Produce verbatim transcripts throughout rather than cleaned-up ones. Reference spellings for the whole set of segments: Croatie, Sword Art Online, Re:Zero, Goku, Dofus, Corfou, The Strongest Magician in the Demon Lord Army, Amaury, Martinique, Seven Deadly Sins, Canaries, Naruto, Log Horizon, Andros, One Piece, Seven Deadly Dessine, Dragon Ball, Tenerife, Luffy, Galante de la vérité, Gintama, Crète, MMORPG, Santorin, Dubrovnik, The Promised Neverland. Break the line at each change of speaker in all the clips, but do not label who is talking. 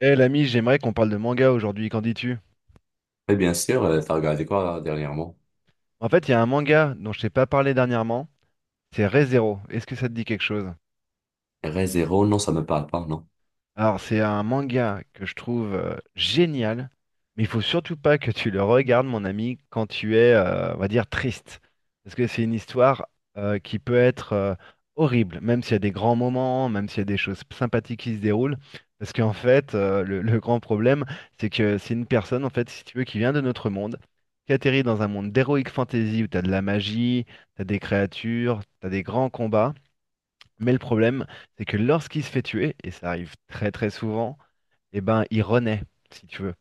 Eh l'ami, j'aimerais qu'on parle de manga aujourd'hui, qu'en dis-tu?
Oui, bien sûr, euh, t'as regardé quoi là, dernièrement?
En fait, il y a un manga dont je t'ai pas parlé dernièrement, c'est Re:Zero. Est-ce que ça te dit quelque chose?
R E zéro, non, ça me parle pas, non.
Alors, c'est un manga que je trouve euh, génial, mais il faut surtout pas que tu le regardes, mon ami, quand tu es, euh, on va dire, triste. Parce que c'est une histoire euh, qui peut être euh, horrible, même s'il y a des grands moments, même s'il y a des choses sympathiques qui se déroulent. Parce qu'en fait, euh, le, le grand problème, c'est que c'est une personne, en fait, si tu veux, qui vient de notre monde, qui atterrit dans un monde d'heroic fantasy où tu as de la magie, tu as des créatures, tu as des grands combats. Mais le problème, c'est que lorsqu'il se fait tuer, et ça arrive très très souvent, eh ben, il renaît, si tu veux.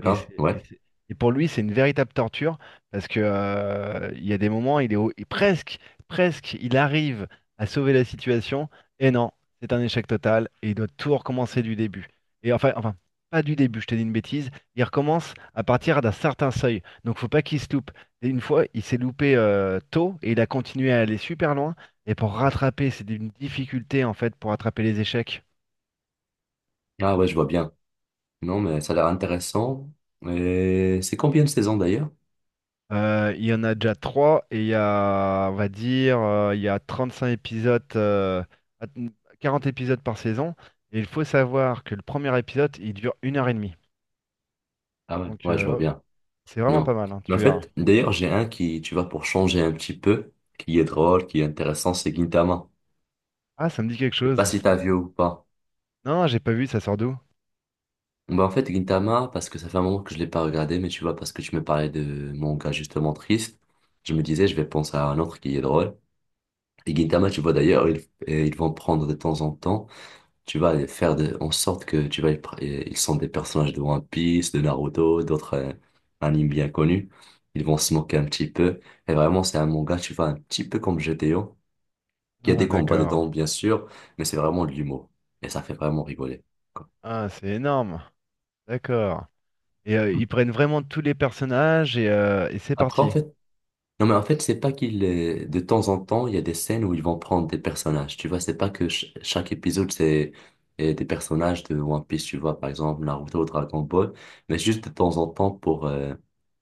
Et, c'est- et
Ouais.
c'est- et pour lui, c'est une véritable torture parce que euh, il y a des moments, il est au- et presque, presque, il arrive à sauver la situation et non, c'est un échec total et il doit tout recommencer du début. Et enfin, enfin, pas du début, je t'ai dit une bêtise. Il recommence à partir d'un certain seuil, donc faut pas qu'il se loupe. Et une fois, il s'est loupé euh, tôt et il a continué à aller super loin. Et pour rattraper, c'est une difficulté en fait pour rattraper les échecs.
Ah ouais, je vois bien. Non, mais ça a l'air intéressant. Et c'est combien de saisons d'ailleurs?
Euh, il y en a déjà trois et il y a, on va dire, euh, il y a trente-cinq épisodes, euh, à- quarante épisodes par saison. Et il faut savoir que le premier épisode, il dure une heure et demie.
Ah ouais,
Donc
ouais, je
euh,
vois
ouais,
bien.
c'est vraiment pas
Non.
mal, hein,
Mais en
tu verras.
fait, d'ailleurs, j'ai un qui, tu vois, pour changer un petit peu, qui est drôle, qui est intéressant, c'est Gintama.
Ah, ça me dit quelque
Je sais pas
chose.
si t'as
c'est-
vu ou pas.
Non, j'ai pas vu, ça sort d'où?
Bah en fait, Gintama, parce que ça fait un moment que je l'ai pas regardé, mais tu vois, parce que tu me parlais de mon gars justement triste, je me disais, je vais penser à un autre qui est drôle. Et Gintama, tu vois d'ailleurs, ils, et ils vont prendre de temps en temps, tu vas les faire de, en sorte que tu vas, les pr- et ils sont des personnages de One Piece, de Naruto, d'autres euh, animes bien connus. Ils vont se moquer un petit peu. Et vraiment, c'est un manga, tu vois, un petit peu comme G T O. Il y a
Ah,
des combats
d'accord.
dedans, bien sûr, mais c'est vraiment de l'humour. Et ça fait vraiment rigoler.
Ah, c'est énorme. D'accord. Et euh, ils prennent vraiment tous les personnages et, euh, et c'est
Après, en
parti.
fait, non, mais en fait, c'est pas qu'il est... De temps en temps, il y a des scènes où ils vont prendre des personnages. Tu vois, c'est pas que ch- chaque épisode, c'est euh, des personnages de One Piece, tu vois, par exemple, Naruto, Dragon Ball, mais juste de temps en temps pour, euh,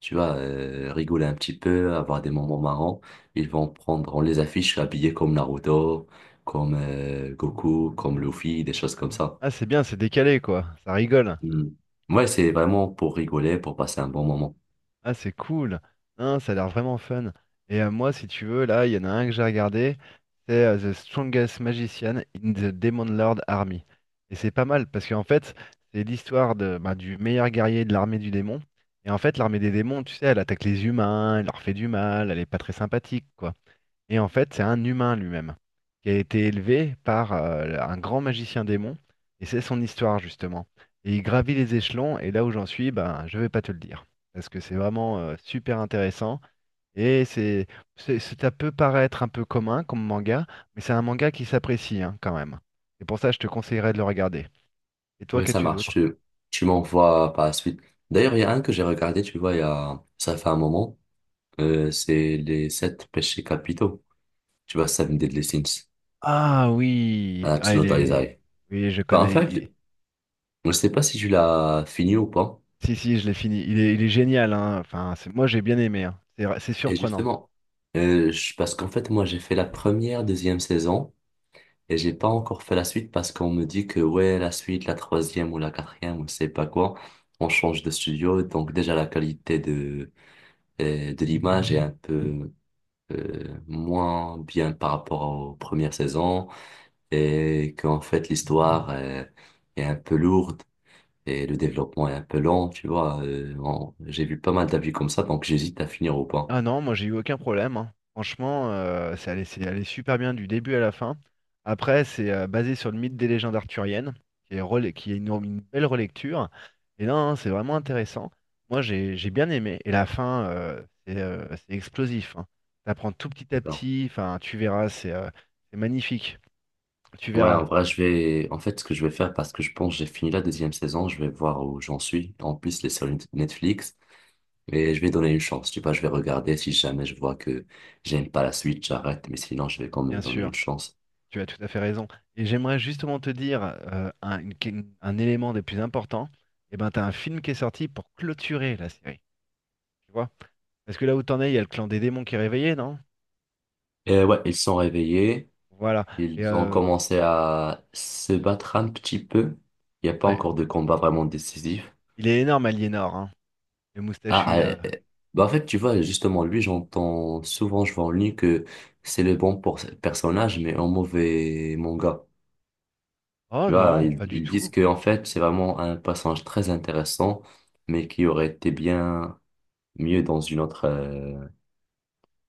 tu vois, euh, rigoler un petit peu, avoir des moments marrants. Ils vont prendre, on les affiche habillés comme Naruto, comme euh, Goku, comme Luffy, des choses comme ça.
Ah, c'est bien, c'est décalé, quoi. Ça rigole.
Mm. Ouais, c'est vraiment pour rigoler, pour passer un bon moment.
Ah, c'est cool. Hein, ça a l'air vraiment fun. Et euh, moi, si tu veux, là, il y en a un que j'ai regardé. C'est euh, The Strongest Magician in the Demon Lord Army. Et c'est pas mal parce qu'en fait, c'est l'histoire de, bah, du meilleur guerrier de l'armée du démon. Et en fait, l'armée des démons, tu sais, elle attaque les humains, elle leur fait du mal, elle est pas très sympathique, quoi. Et en fait, c'est un humain lui-même, qui a été élevé par euh, un grand magicien démon, et c'est son histoire justement. Et il gravit les échelons, et là où j'en suis, ben, je vais pas te le dire, parce que c'est vraiment euh, super intéressant, et c'est, c'est- c'est- ça peut paraître un peu commun comme manga, mais c'est un manga qui s'apprécie hein, quand même. Et pour ça, je te conseillerais de le regarder. Et toi,
Oui, ça
qu'as-tu
marche.
d'autre?
Tu, tu m'envoies par la suite. D'ailleurs, il y a un que j'ai regardé, tu vois, il y a, ça fait un moment. Euh, c'est les sept péchés capitaux. Tu vois, Seven Deadly Sins.
Ah oui, ah il
Absolutely
est,
Isaiah.
oui je
Bah, en
connais. il-
fait,
il-
je sais pas si tu l'as fini ou pas.
Si si, je l'ai fini. Il est, il est génial. Hein. Enfin, c'est- moi j'ai bien aimé. Hein. C'est, c'est
Et
surprenant.
justement, euh, je- parce qu'en fait, moi, j'ai fait la première, deuxième saison et j'ai pas encore fait la suite parce qu'on me dit que, ouais, la suite, la troisième ou la quatrième ou je sais pas quoi, on change de studio. Donc, déjà, la qualité de, euh, de l'image est un peu euh, moins bien par rapport aux premières saisons et qu'en fait l'histoire euh, est un peu lourde et le développement est un peu lent, tu vois. Euh, on- j'ai vu pas mal d'avis comme ça, donc j'hésite à finir ou pas.
Ah non, moi j'ai eu aucun problème. Hein. Franchement, euh, c'est allé, c'est allé super bien du début à la fin. Après, c'est euh, basé sur le mythe des légendes arthuriennes, qui est, rela- qui est une, une belle relecture. Et non, non, c'est vraiment intéressant. Moi j'ai j'ai bien aimé. Et la fin, euh, c'est euh, c'est explosif. Hein. T'apprends tout petit à
D'accord.
petit. Enfin, tu verras, c'est euh, c'est magnifique. Tu
Ouais, en
verras,
vrai, je vais. En fait, ce que je vais faire, parce que je pense que j'ai fini la deuxième saison, je vais voir où j'en suis. En plus, les séries Netflix, mais je vais donner une chance. Tu vois, je vais regarder. Si jamais je vois que j'aime pas la suite, j'arrête. Mais sinon, je vais quand
bien
même donner
sûr.
une chance.
Tu as tout à fait raison. Et j'aimerais justement te dire euh, un, une- un élément des plus importants. Et ben, t'as un film qui est sorti pour clôturer la série. Tu vois? Parce que là où t'en es, il y a le clan des démons qui est réveillé, non?
Et ouais, ils sont réveillés.
Voilà. Et
Ils ont
euh,
commencé à se battre un petit peu. Il n'y a pas
ouais,
encore de combat vraiment décisif.
il est énorme, Aliénor, hein. Le
Ah,
moustachu,
ah, euh,
là.
bah en fait, tu vois, justement, lui, j'entends souvent, je vois en ligne que c'est le bon pour personnage, mais un mauvais manga.
Oh
Tu vois,
non,
ils,
pas du
ils disent
tout.
que en fait, c'est vraiment un personnage très intéressant, mais qui aurait été bien mieux dans une autre, euh,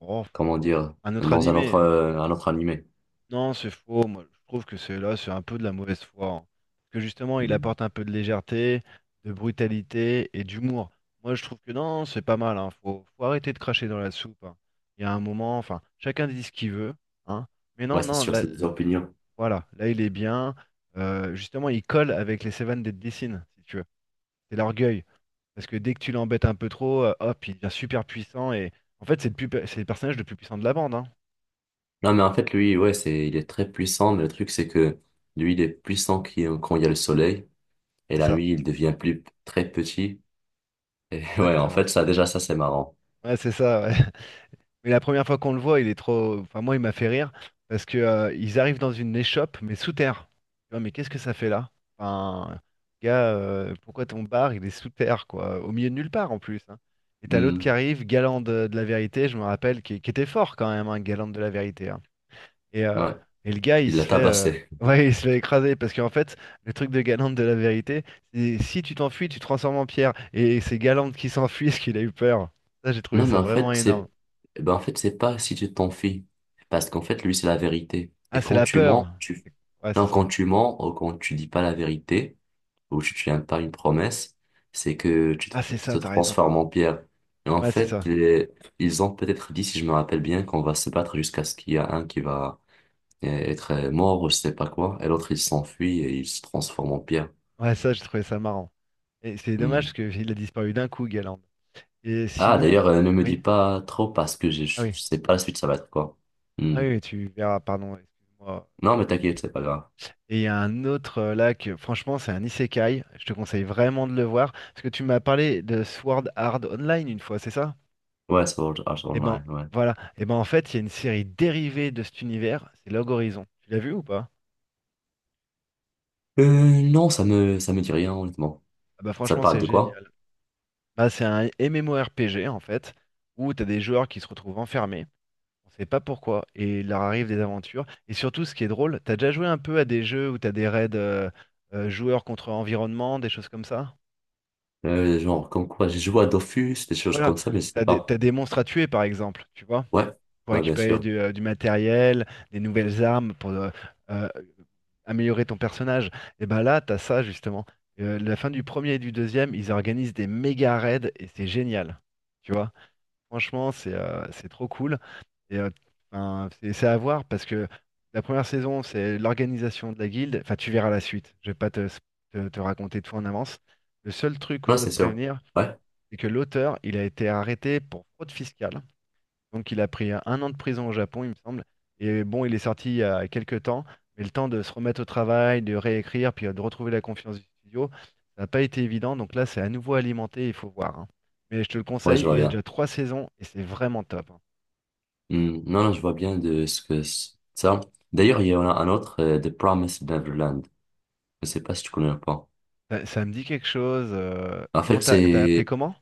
Oh,
comment dire,
un autre
dans un autre,
animé.
euh, un autre animé.
Non, c'est faux. Moi, je trouve que c'est là, c'est un peu de la mauvaise foi. Hein. Parce que justement, il
Mm.
apporte un peu de légèreté, de brutalité et d'humour. Moi, je trouve que non, c'est pas mal. Hein. Faut, faut arrêter de cracher dans la soupe. Hein. Il y a un moment, enfin, chacun dit ce qu'il veut, hein. Mais
Ouais,
non,
c'est
non,
sûr,
là,
c'est des opinions.
voilà, là il est bien. Euh, justement, il colle avec les Seven Deadly Dessine, si tu veux. C'est l'orgueil. Parce que dès que tu l'embêtes un peu trop, euh, hop, il devient super puissant. Et en fait, c'est le, plus pu- c'est le personnage le plus puissant de la bande. Hein.
Non, mais en fait, lui, ouais, c'est, il est très puissant, mais le truc, c'est que lui, il est puissant qui- quand il y a le soleil, et
C'est
la
ça.
nuit, il devient plus, très petit. Et ouais, en
Exactement.
fait, ça, déjà, ça, c'est marrant.
Ouais, c'est ça. Ouais. Mais la première fois qu'on le voit, il est trop. Enfin, moi, il m'a fait rire parce que euh, ils arrivent dans une échoppe, mais sous terre. Tu vois, mais qu'est-ce que ça fait là? Enfin, gars, euh, pourquoi ton bar, il est sous terre, quoi, au milieu de nulle part en plus. Hein. Et t'as l'autre qui
Hmm,
arrive, Galante de, de la vérité, je me rappelle, qui, qui était fort quand même, hein, Galante de la vérité. Hein. Et, euh,
ouais,
et le gars, il
il l'a
se fait, euh,
tabassé.
ouais, il se fait écraser parce qu'en fait, le truc de Galante de la vérité, c'est si tu t'enfuis, tu te transformes en pierre. Et c'est Galante qui s'enfuit parce qu'il a eu peur. Ça, j'ai trouvé
Non, mais
ça
en
vraiment
fait,
énorme.
c'est, eh ben, en fait, c'est pas si tu t'en fies. Parce qu'en fait, lui, c'est la vérité.
Ah,
Et
c'est
quand
la
tu mens,
peur.
tu,
C'est- Ouais, c'est
non,
ça.
quand tu mens, ou quand tu dis pas la vérité, où tu tiens pas une promesse, c'est que tu te,
Ah, c'est
te
ça, t'as raison.
transformes en pierre. Et en
Ouais, c'est ça.
fait, les- Ils ont peut-être dit, si je me rappelle bien, qu'on va se battre jusqu'à ce qu'il y a un qui va euh, être euh, mort ou je sais pas quoi, et l'autre il s'enfuit et il se transforme en pierre.
Ouais, ça, j'ai trouvé ça marrant. Et c'est dommage parce
Hmm.
qu'il a disparu d'un coup, Galand. Et
Ah,
sinon,
d'ailleurs, euh, ne me dis
oui,
pas trop parce que je,
ah
je
oui,
sais pas la suite, ça va être quoi.
ah
Hmm.
oui, tu verras, pardon, excuse-moi.
Non, mais t'inquiète, c'est pas grave.
Et il y a un autre euh, là que, franchement, c'est un isekai. Je te conseille vraiment de le voir parce que tu m'as parlé de Sword Art Online une fois, c'est ça?
Ouais, Sword Art
Eh ben,
Online, ouais.
voilà. Eh ben, en fait, il y a une série dérivée de cet univers, c'est Log Horizon. Tu l'as vu ou pas?
Euh, non, ça me, ça me dit rien, honnêtement.
Ah bah,
Ça
franchement,
parle
c'est
de quoi?
génial. Bah, c'est un MMORPG en fait, où t'as des joueurs qui se retrouvent enfermés, on sait pas pourquoi, et il leur arrive des aventures. Et surtout, ce qui est drôle, t'as déjà joué un peu à des jeux où t'as des raids euh, euh, joueurs contre environnement, des choses comme ça?
Euh, genre, comme quoi, j'ai joué à Dofus, des choses
Voilà,
comme ça, mais je sais
t'as des,
pas.
t'as des monstres à tuer par exemple, tu vois,
Ouais,
pour
ouais, bien
récupérer
sûr.
du, euh, du matériel, des nouvelles armes, pour euh, euh, améliorer ton personnage. Et ben là, t'as ça justement. Euh, la fin du premier et du deuxième, ils organisent des méga raids et c'est génial, tu vois. Franchement, c'est euh, c'est trop cool. Et euh, enfin, c'est c'est à voir parce que la première saison, c'est l'organisation de la guilde. Enfin, tu verras la suite. Je vais pas te, te, te raconter tout en avance. Le seul truc où
Non,
je dois
c'est
te
sûr.
prévenir,
Ouais,
c'est que l'auteur, il a été arrêté pour fraude fiscale. Donc il a pris un an de prison au Japon, il me semble. Et bon, il est sorti il y a quelques temps, mais le temps de se remettre au travail, de réécrire, puis euh, de retrouver la confiance du studio, ça n'a pas été évident. Donc là, c'est à nouveau alimenté, il faut voir. Hein. Mais je te le
ouais,
conseille,
je
il
vois
y a
bien.
déjà trois saisons et c'est vraiment top. Hein.
Hmm, non, non, je vois bien de ce que c'est ça. D'ailleurs, il y en a un autre, euh, The Promised Neverland. Je sais pas si tu connais ou pas.
Ça, ça me dit quelque chose. euh,
En
Comment
fait,
t'as t'as appelé
c'est
comment?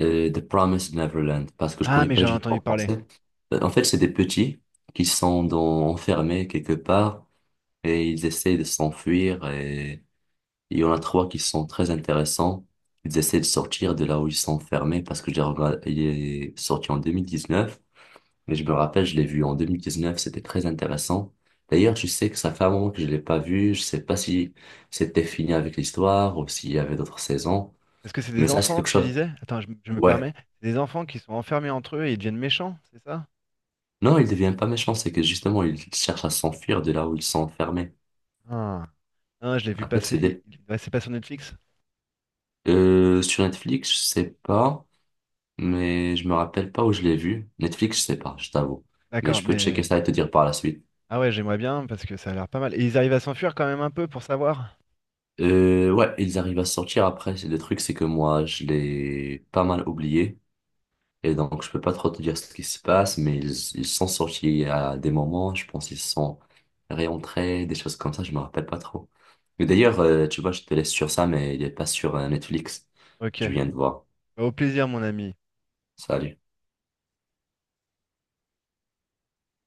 euh, The Promised Neverland parce que je
Ah,
connais
mais
pas
j'ai
du tout en
entendu parler.
français. Euh, En fait, c'est des petits qui sont dans, enfermés quelque part et ils essaient de s'enfuir et il y en a trois qui sont très intéressants. Ils essaient de sortir de là où ils sont enfermés parce que j'ai regardé, il est sorti en deux mille dix-neuf. Mais je me rappelle, je l'ai vu en deux mille dix-neuf, c'était très intéressant. D'ailleurs, je sais que ça fait un moment que je l'ai pas vu. Je sais pas si c'était fini avec l'histoire ou s'il y avait d'autres saisons.
Est-ce que c'est
Mais
des
ça, c'est
enfants,
quelque
tu
chose.
disais? Attends, je, m- je me
Ouais.
permets. C'est des enfants qui sont enfermés entre eux et ils deviennent méchants, c'est ça?
Non, il devient pas méchant, c'est que justement, il cherche à s'enfuir de là où ils sont enfermés.
Ah, ah, je l'ai vu
En fait,
passer.
c'est
Il-
des...
il- ouais, c'est pas sur Netflix?
Euh, sur Netflix, je sais pas, mais je me rappelle pas où je l'ai vu. Netflix, je sais pas, je t'avoue. Mais
D'accord,
je peux checker
mais.
ça et te dire par la suite.
Ah ouais, j'aimerais bien parce que ça a l'air pas mal. Et ils arrivent à s'enfuir quand même un peu pour savoir?
Euh, ouais, ils arrivent à sortir après. C'est le truc, c'est que moi, je l'ai pas mal oublié. Et donc, je peux pas trop te dire ce qui se passe, mais ils, ils sont sortis à des moments, je pense qu'ils sont réentrés, des choses comme ça, je me rappelle pas trop. Mais d'ailleurs, euh, tu vois, je te laisse sur ça, mais il est pas sur euh, Netflix.
Ok.
Je viens de voir.
Bah, au plaisir, mon ami.
Salut.